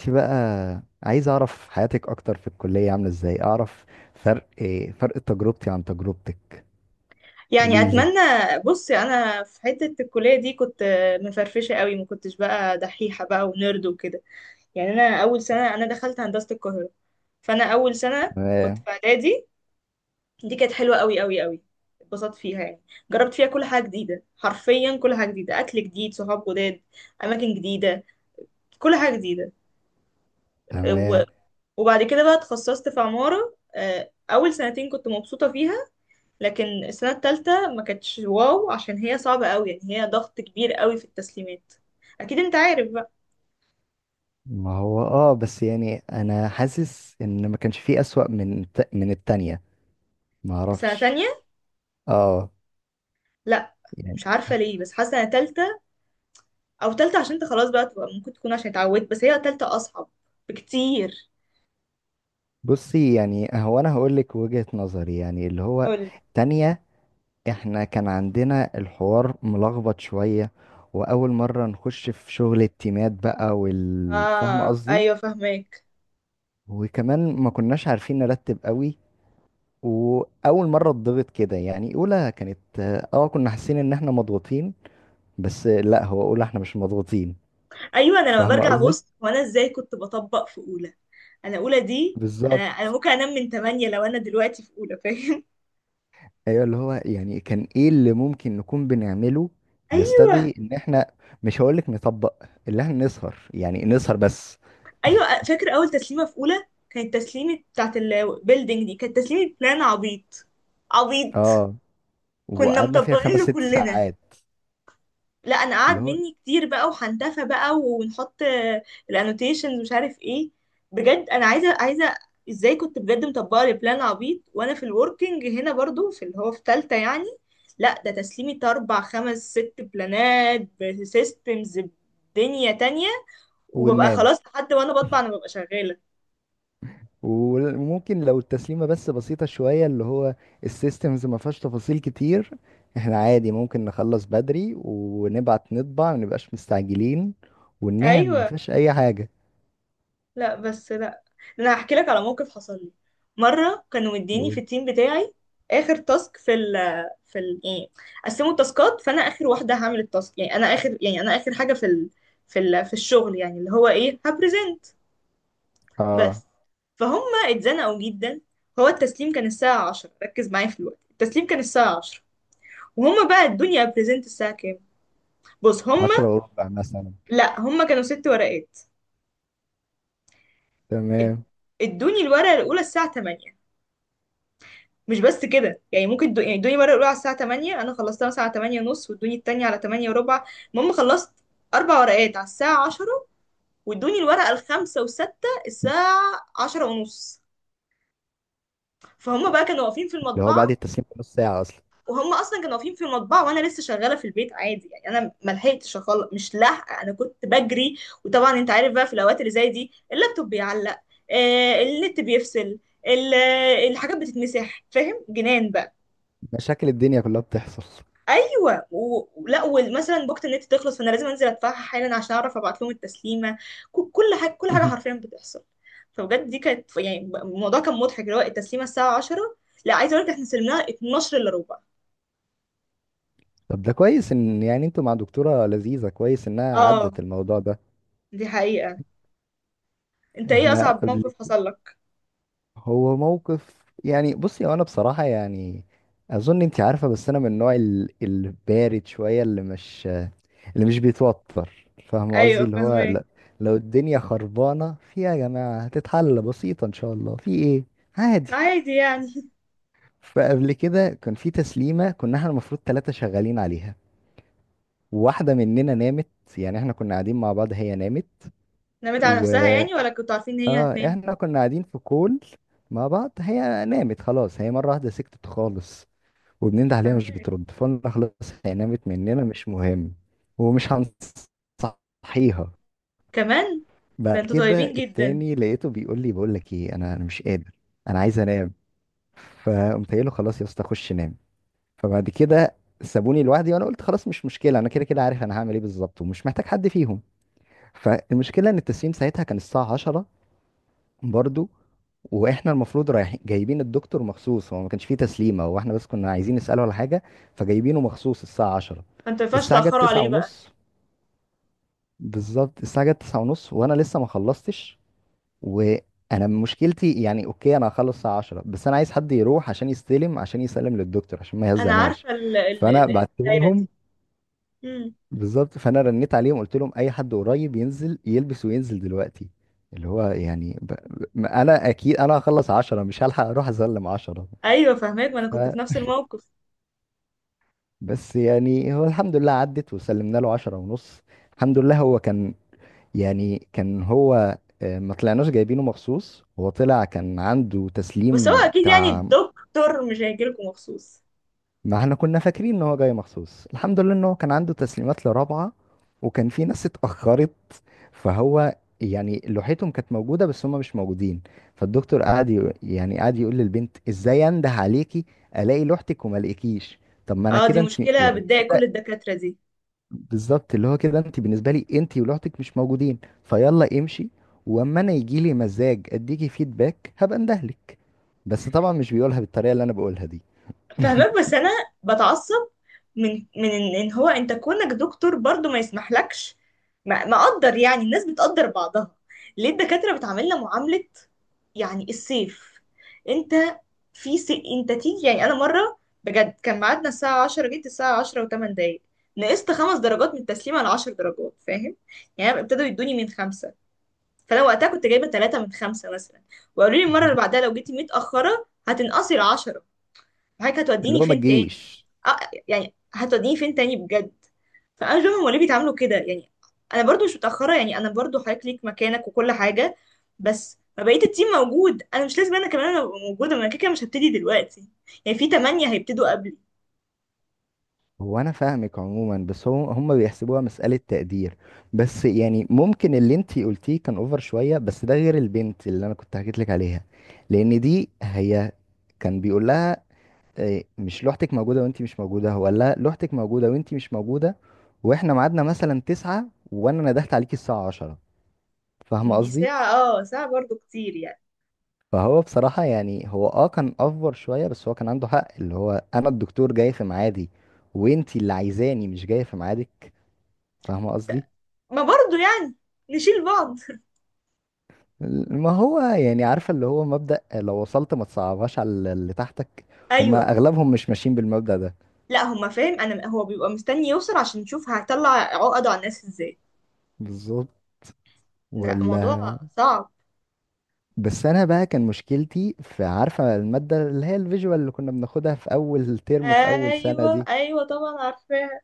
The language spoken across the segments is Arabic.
انت بقى، عايز اعرف حياتك اكتر في الكلية، عاملة ازاي. اعرف إيه فرق تجربتي عن تجربتك. يعني قولي لي. اتمنى. بصي، انا في حته الكليه دي كنت مفرفشه قوي، ما كنتش بقى دحيحه بقى ونرد وكده. يعني انا اول سنه انا دخلت هندسه القاهره، فانا اول سنه كنت تمام. في اعدادي. دي كانت حلوه قوي قوي قوي، اتبسطت فيها يعني. جربت فيها كل حاجه جديده، حرفيا كل حاجه جديده، اكل جديد، صحاب جداد، اماكن جديده، كل حاجه جديده. و- تمام. وبعد كده بقى اتخصصت في عماره اول سنتين كنت مبسوطه فيها، لكن السنة التالتة ما كانتش واو، عشان هي صعبة قوي، يعني هي ضغط كبير قوي في التسليمات. اكيد انت عارف بقى. ما هو بس يعني انا حاسس ان ما كانش فيه اسوأ من من التانية. ما سنة اعرفش. تانية؟ اه لا، يعني مش عارفة ليه، بس حاسة سنة تالتة. او تالتة عشان انت خلاص بقى تبقى ممكن تكون عشان اتعودت، بس هي تالتة اصعب بكتير. بصي، يعني هو انا هقول لك وجهة نظري يعني اللي هو. قولي. تانية. احنا كان عندنا الحوار ملخبط شوية، واول مرة نخش في شغل التيمات بقى، والفاهمة اه قصدي. ايوه، فهماك. وكمان ما كناش عارفين نرتب قوي. واول مره اتضغط كده، يعني اولى كانت، اه كنا حاسين ان احنا مضغوطين. بس لا، هو اولى احنا مش مضغوطين. ايوه، انا لما فاهمه برجع قصدي. بص وانا ازاي كنت بطبق في اولى. انا اولى دي، انا بالظبط. انا ممكن انام من 8 لو انا دلوقتي في اولى، فاهم؟ ايوه، اللي هو يعني كان ايه اللي ممكن نكون بنعمله يستدعي ان احنا. مش هقولك نطبق، اللي احنا نسهر يعني نسهر بس. ايوه، فاكر اول تسليمه في اولى كانت تسليمه بتاعت البيلدينج. دي كانت تسليمه بلان عبيط عبيط. اه كنا وقعدنا فيها مطبقين خمس له ست كلنا. ساعات. لا انا قعد اللي هو مني كتير بقى، وحنتفى بقى ونحط الانوتيشنز، مش عارف ايه. بجد انا عايزه عايزه، ازاي كنت بجد مطبقه لبلان عبيط وانا في الوركينج هنا، برضو في اللي هو في تالتة يعني لا، ده تسليمي اربع خمس ست بلانات بسيستمز، بدنيا تانية. وببقى وننام، خلاص لحد وانا بطبع، انا ببقى شغاله. وممكن لو التسليمة بس بسيطة شوية، اللي هو السيستمز ما فيهاش تفاصيل كتير، احنا عادي ممكن نخلص بدري ونبعت نطبع، ما نبقاش مستعجلين وننام، ما ايوه. فيهاش أي حاجة. لا بس لا، انا هحكي لك على موقف حصل لي. مره كانوا مديني و- في التيم بتاعي اخر تاسك في ال يعني، قسموا التاسكات، فانا اخر واحده هعمل التاسك. يعني انا اخر، يعني انا اخر حاجه في ال في الشغل، يعني اللي هو ايه هبريزنت اه بس. فهم. اتزنقوا جدا. هو التسليم كان الساعه 10، ركز معايا في الوقت. التسليم كان الساعه 10، وهم بقى ادوني ابريزنت الساعه كام. بص، هم عشرة وربع مثلا. لا، هم كانوا ست ورقات. اد- تمام، ادوني الورقه الاولى الساعه 8، مش بس كده. يعني ممكن يعني ادوني مره الاولى على الساعه 8، انا خلصتها مثلا على 8 ونص، وادوني التانية على 8 وربع. المهم خلصت اربع ورقات على الساعه 10، وادوني الورقه الخامسه وستة الساعه 10 ونص. فهم بقى كانوا واقفين في اللي هو المطبعه، بعد التسليم بنص ساعة أصلا. وهم اصلا كانوا واقفين في المطبعه وانا لسه شغاله في البيت، عادي يعني. انا ما لحقتش مش لاحقه، انا كنت بجري. وطبعا انت عارف بقى، في الاوقات اللي زي دي اللابتوب بيعلق، النت بيفصل، ال- الحاجات بتتمسح، فاهم؟ جنان بقى. مشاكل الدنيا كلها بتحصل. ايوه. ولا ومثلا بوقت النت تخلص، فانا لازم انزل ادفعها حالا عشان اعرف ابعت لهم التسليمه. كل حاجه حرفيا بتحصل. فبجد دي كانت يعني، الموضوع كان مضحك، اللي هو التسليمه الساعه 10، لا، عايزه اقول لك احنا سلمناها 12 الا ربع. طب ده كويس، إن يعني انتوا مع دكتورة لذيذة، كويس إنها اه، عدت الموضوع ده. دي حقيقه. انت ايه احنا اصعب قبل. موقف حصل لك؟ هو موقف، يعني بصي هو انا بصراحة يعني اظن انت عارفة، بس انا من النوع البارد شوية اللي مش بيتوتر. فاهم قصدي، ايوه، اللي هو فهمك. لا، لو الدنيا خربانة فيها يا جماعة هتتحل بسيطة ان شاء الله، في ايه. عادي. عادي يعني. فقبل كده كان في تسليمة كنا احنا المفروض ثلاثة شغالين عليها، واحدة مننا نامت. يعني احنا كنا قاعدين مع بعض، هي نامت. نامت على و نفسها يعني ولا كنتوا عارفين ان هي اه هتنام؟ احنا كنا قاعدين في كول مع بعض، هي نامت خلاص. هي مرة واحدة سكتت خالص، وبننده عليها مش فهمك. بترد، فقلنا خلاص هي نامت مننا مش مهم، ومش هنصحيها. كمان. ده بعد انتوا كده طيبين جدا. التاني لقيته بيقول لي، بقول لك ايه، انا مش قادر، انا عايز انام. فقمت قايل له خلاص يا اسطى، خش نام. فبعد كده سابوني لوحدي، وانا قلت خلاص مش مشكله، انا كده كده عارف انا هعمل ايه بالظبط، ومش محتاج حد فيهم. فالمشكله ان التسليم ساعتها كان الساعه 10 برضو، واحنا المفروض رايحين جايبين الدكتور مخصوص. هو ما كانش فيه تسليمه، هو احنا بس كنا عايزين نساله على حاجه، فجايبينه مخصوص الساعه 10. فانتوا ما ينفعش الساعه جت تاخروا 9 عليه بقى. ونص. بالظبط الساعه جت 9 ونص وانا لسه ما خلصتش، وانا مشكلتي يعني اوكي انا هخلص الساعه 10، بس انا عايز حد يروح عشان يستلم، عشان يسلم للدكتور عشان ما انا يهزناش. عارفه فانا بعت الدايره لهم. دي. بالظبط، فانا رنيت عليهم قلت لهم اي حد قريب ينزل يلبس وينزل دلوقتي، اللي هو يعني انا اكيد انا هخلص عشرة، مش هلحق اروح اسلم عشرة. ايوه فاهماك، ما انا ف كنت في نفس الموقف. بس يعني هو الحمد لله عدت وسلمنا له عشرة ونص. الحمد لله هو كان، يعني كان هو ما طلعناش جايبينه مخصوص، هو طلع كان عنده بس هو تسليم اكيد يعني بتاع. الدكتور مش هيجيلكوا مخصوص. ما احنا كنا فاكرين ان هو جاي مخصوص. الحمد لله ان هو كان عنده تسليمات لرابعة، وكان في ناس اتأخرت، فهو يعني لوحتهم كانت موجودة بس هم مش موجودين، فالدكتور قعد يق- يعني قعد يقول للبنت ازاي انده عليكي، الاقي لوحتك وما الاقيكيش. طب ما انا اه، دي كده، انت مشكله يعني بتضايق كل كده. الدكاتره دي. بالظبط، اللي هو كده انت بالنسبة لي، انت ولوحتك مش موجودين، فيلا امشي. واما انا يجي لي مزاج اديكي فيدباك هبقى اندهلك. بس طبعا مش بيقولها بالطريقة اللي انا بقولها دي. فهمك بس انا بتعصب من إن هو انت كونك دكتور، برضو ما يسمحلكش. ما اقدر، يعني الناس بتقدر بعضها. ليه الدكاترة بتعاملنا معاملة يعني السيف. انت، في انت تيجي، يعني انا مرة بجد كان ميعادنا الساعة 10، جيت الساعة 10 و8 دقايق. نقصت خمس درجات من التسليم على 10 درجات، فاهم؟ يعني ابتدوا يدوني من خمسة. فانا وقتها كنت جايبة ثلاثة من خمسة مثلا. وقالوا لي المرة اللي بعدها لو جيتي متأخرة هتنقصي ال10. فحضرتك اللي هتوديني هو ما فين تاني؟ تجيش. اه. يعني هتوديني فين تاني بجد. فانا مش فاهمه هما ليه بيتعاملوا كده يعني. انا برضو مش متاخره، يعني انا برضو حضرتك ليك مكانك وكل حاجه، بس ما بقيت التيم موجود، انا مش لازم انا كمان ابقى موجوده. ما انا كده كده مش هبتدي دلوقتي، يعني في تمانية هيبتدوا قبلي. هو انا فاهمك عموما، بس هو هم بيحسبوها مسألة تقدير. بس يعني ممكن اللي انتي قلتيه كان اوفر شوية، بس ده غير البنت اللي انا كنت حكيت لك عليها، لان دي هي كان بيقول لها إيه، مش لوحتك موجودة وانتي مش موجودة. هو قال لها لوحتك موجودة وانتي مش موجودة، واحنا ميعادنا مثلا تسعة وانا ندهت عليكي الساعة عشرة. فاهمة يعني دي قصدي؟ ساعه، اه ساعه برضو كتير يعني. فهو بصراحة يعني هو كان اوفر شوية، بس هو كان عنده حق، اللي هو انا الدكتور جاي في ميعادي، وانتي اللي عايزاني مش جاية في ميعادك. فاهمة قصدي؟ ما برضو يعني نشيل بعض. ما هو يعني عارفة اللي هو مبدأ لو وصلت ما تصعبهاش على اللي تحتك. هما ايوه. أغلبهم مش ماشيين بالمبدأ ده. لا هما فاهم انا، هو بيبقى مستني يوصل عشان يشوف هطلع عقده على الناس ازاي. بالظبط. لا، ولا. موضوع صعب. بس أنا بقى كان مشكلتي في، عارفة المادة اللي هي الفيجوال اللي كنا بناخدها في أول ترم في أول سنة ايوه دي. ايوه، طبعا عارفاها.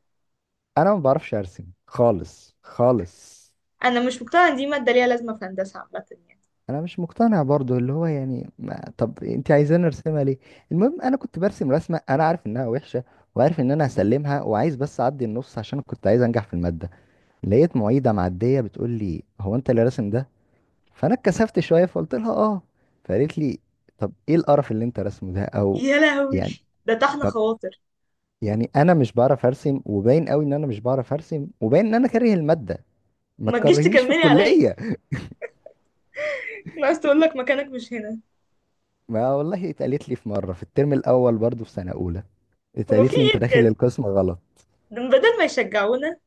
أنا ما بعرفش أرسم خالص خالص. انا مش مقتنعه ان دي ماده ليها لازمه في هندسه عامه يعني. أنا مش مقتنع برضو اللي هو يعني، ما طب أنت عايزاني أرسمها ليه. المهم أنا كنت برسم رسمة أنا عارف إنها وحشة، وعارف إن أنا هسلمها، وعايز بس أعدي النص عشان كنت عايز أنجح في المادة. لقيت معيده معديه بتقول لي هو انت اللي راسم ده. فانا اتكسفت شويه فقلت لها اه. فقالت لي طب ايه القرف اللي انت راسمه ده، او يا لهوي، يعني. ده طحن طب خواطر. يعني انا مش بعرف ارسم، وباين قوي ان انا مش بعرف ارسم، وباين ان انا كاره الماده. ما ما تجيش تكرهنيش في تكملي عليا. الكليه. أنا عايز تقول لك مكانك مش هنا. ما والله اتقالت لي في مره في الترم الاول برضو في سنه اولى، هو في اتقالت لي انت ايه؟ داخل بجد، القسم غلط. ده بدل ما يشجعونا.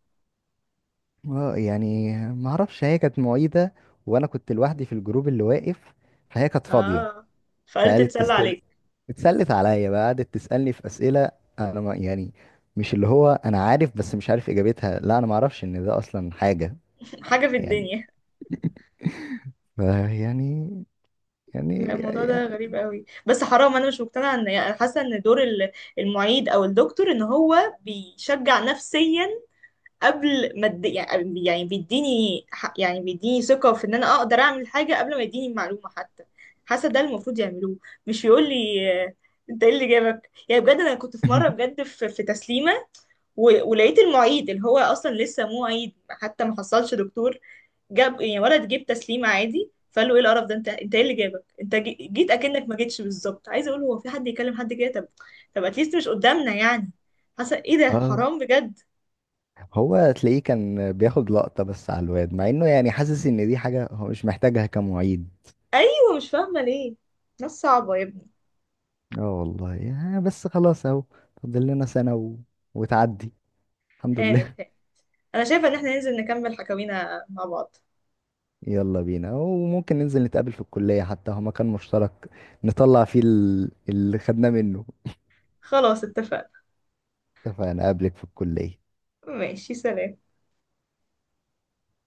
اه يعني ما اعرفش، هي كانت معيده وانا كنت لوحدي في الجروب اللي واقف، فهي كانت فاضيه. اه، فقالت فقالت، تتسلى عليك. اتسلت عليا بقى قعدت تسألني في أسئلة، أنا ما يعني مش اللي هو أنا عارف بس مش عارف إجابتها، لا أنا ما أعرفش إن ده أصلا حاجة. حاجه في يعني الدنيا. ف- يعني لا، الموضوع ده يعني- غريب قوي بس حرام. انا مش مقتنعه ان يعني، حاسه ان دور المعيد او الدكتور، ان هو بيشجع نفسيا قبل ما يعني بيديني يعني بيديني ثقة في ان انا اقدر اعمل حاجة قبل ما يديني المعلومة حتى. حاسة ده المفروض يعملوه، مش يقول لي آه، انت ايه اللي جابك. يعني بجد انا كنت في مرة بجد في تسليمة، ولقيت المعيد اللي هو اصلا لسه معيد، حتى ما حصلش دكتور. جاب يعني ولد جيب تسليمة عادي، فقال له ايه القرف ده، انت ايه اللي جابك؟ انت جيت اكنك ما جيتش. بالظبط، عايزه اقول هو في حد يكلم حد كده؟ طب، طب اتليست مش قدامنا يعني. حاسه ايه ده اه حرام بجد. هو تلاقيه كان بياخد لقطة بس على الواد، مع إنه يعني حاسس إن دي حاجة هو مش محتاجها كمعيد. ايوه، مش فاهمه ليه. ناس صعبه يا ابني. اه والله يعني، بس خلاص أهو فاضل لنا سنة وتعدي. الحمد هانت لله. هانت. انا شايفه ان احنا ننزل نكمل حكاوينا مع بعض. يلا بينا، وممكن ننزل نتقابل في الكلية حتى هو مكان مشترك نطلع فيه اللي خدناه منه. خلاص اتفقنا. اتفقنا. اقابلك في الكلية. ماشي سلام.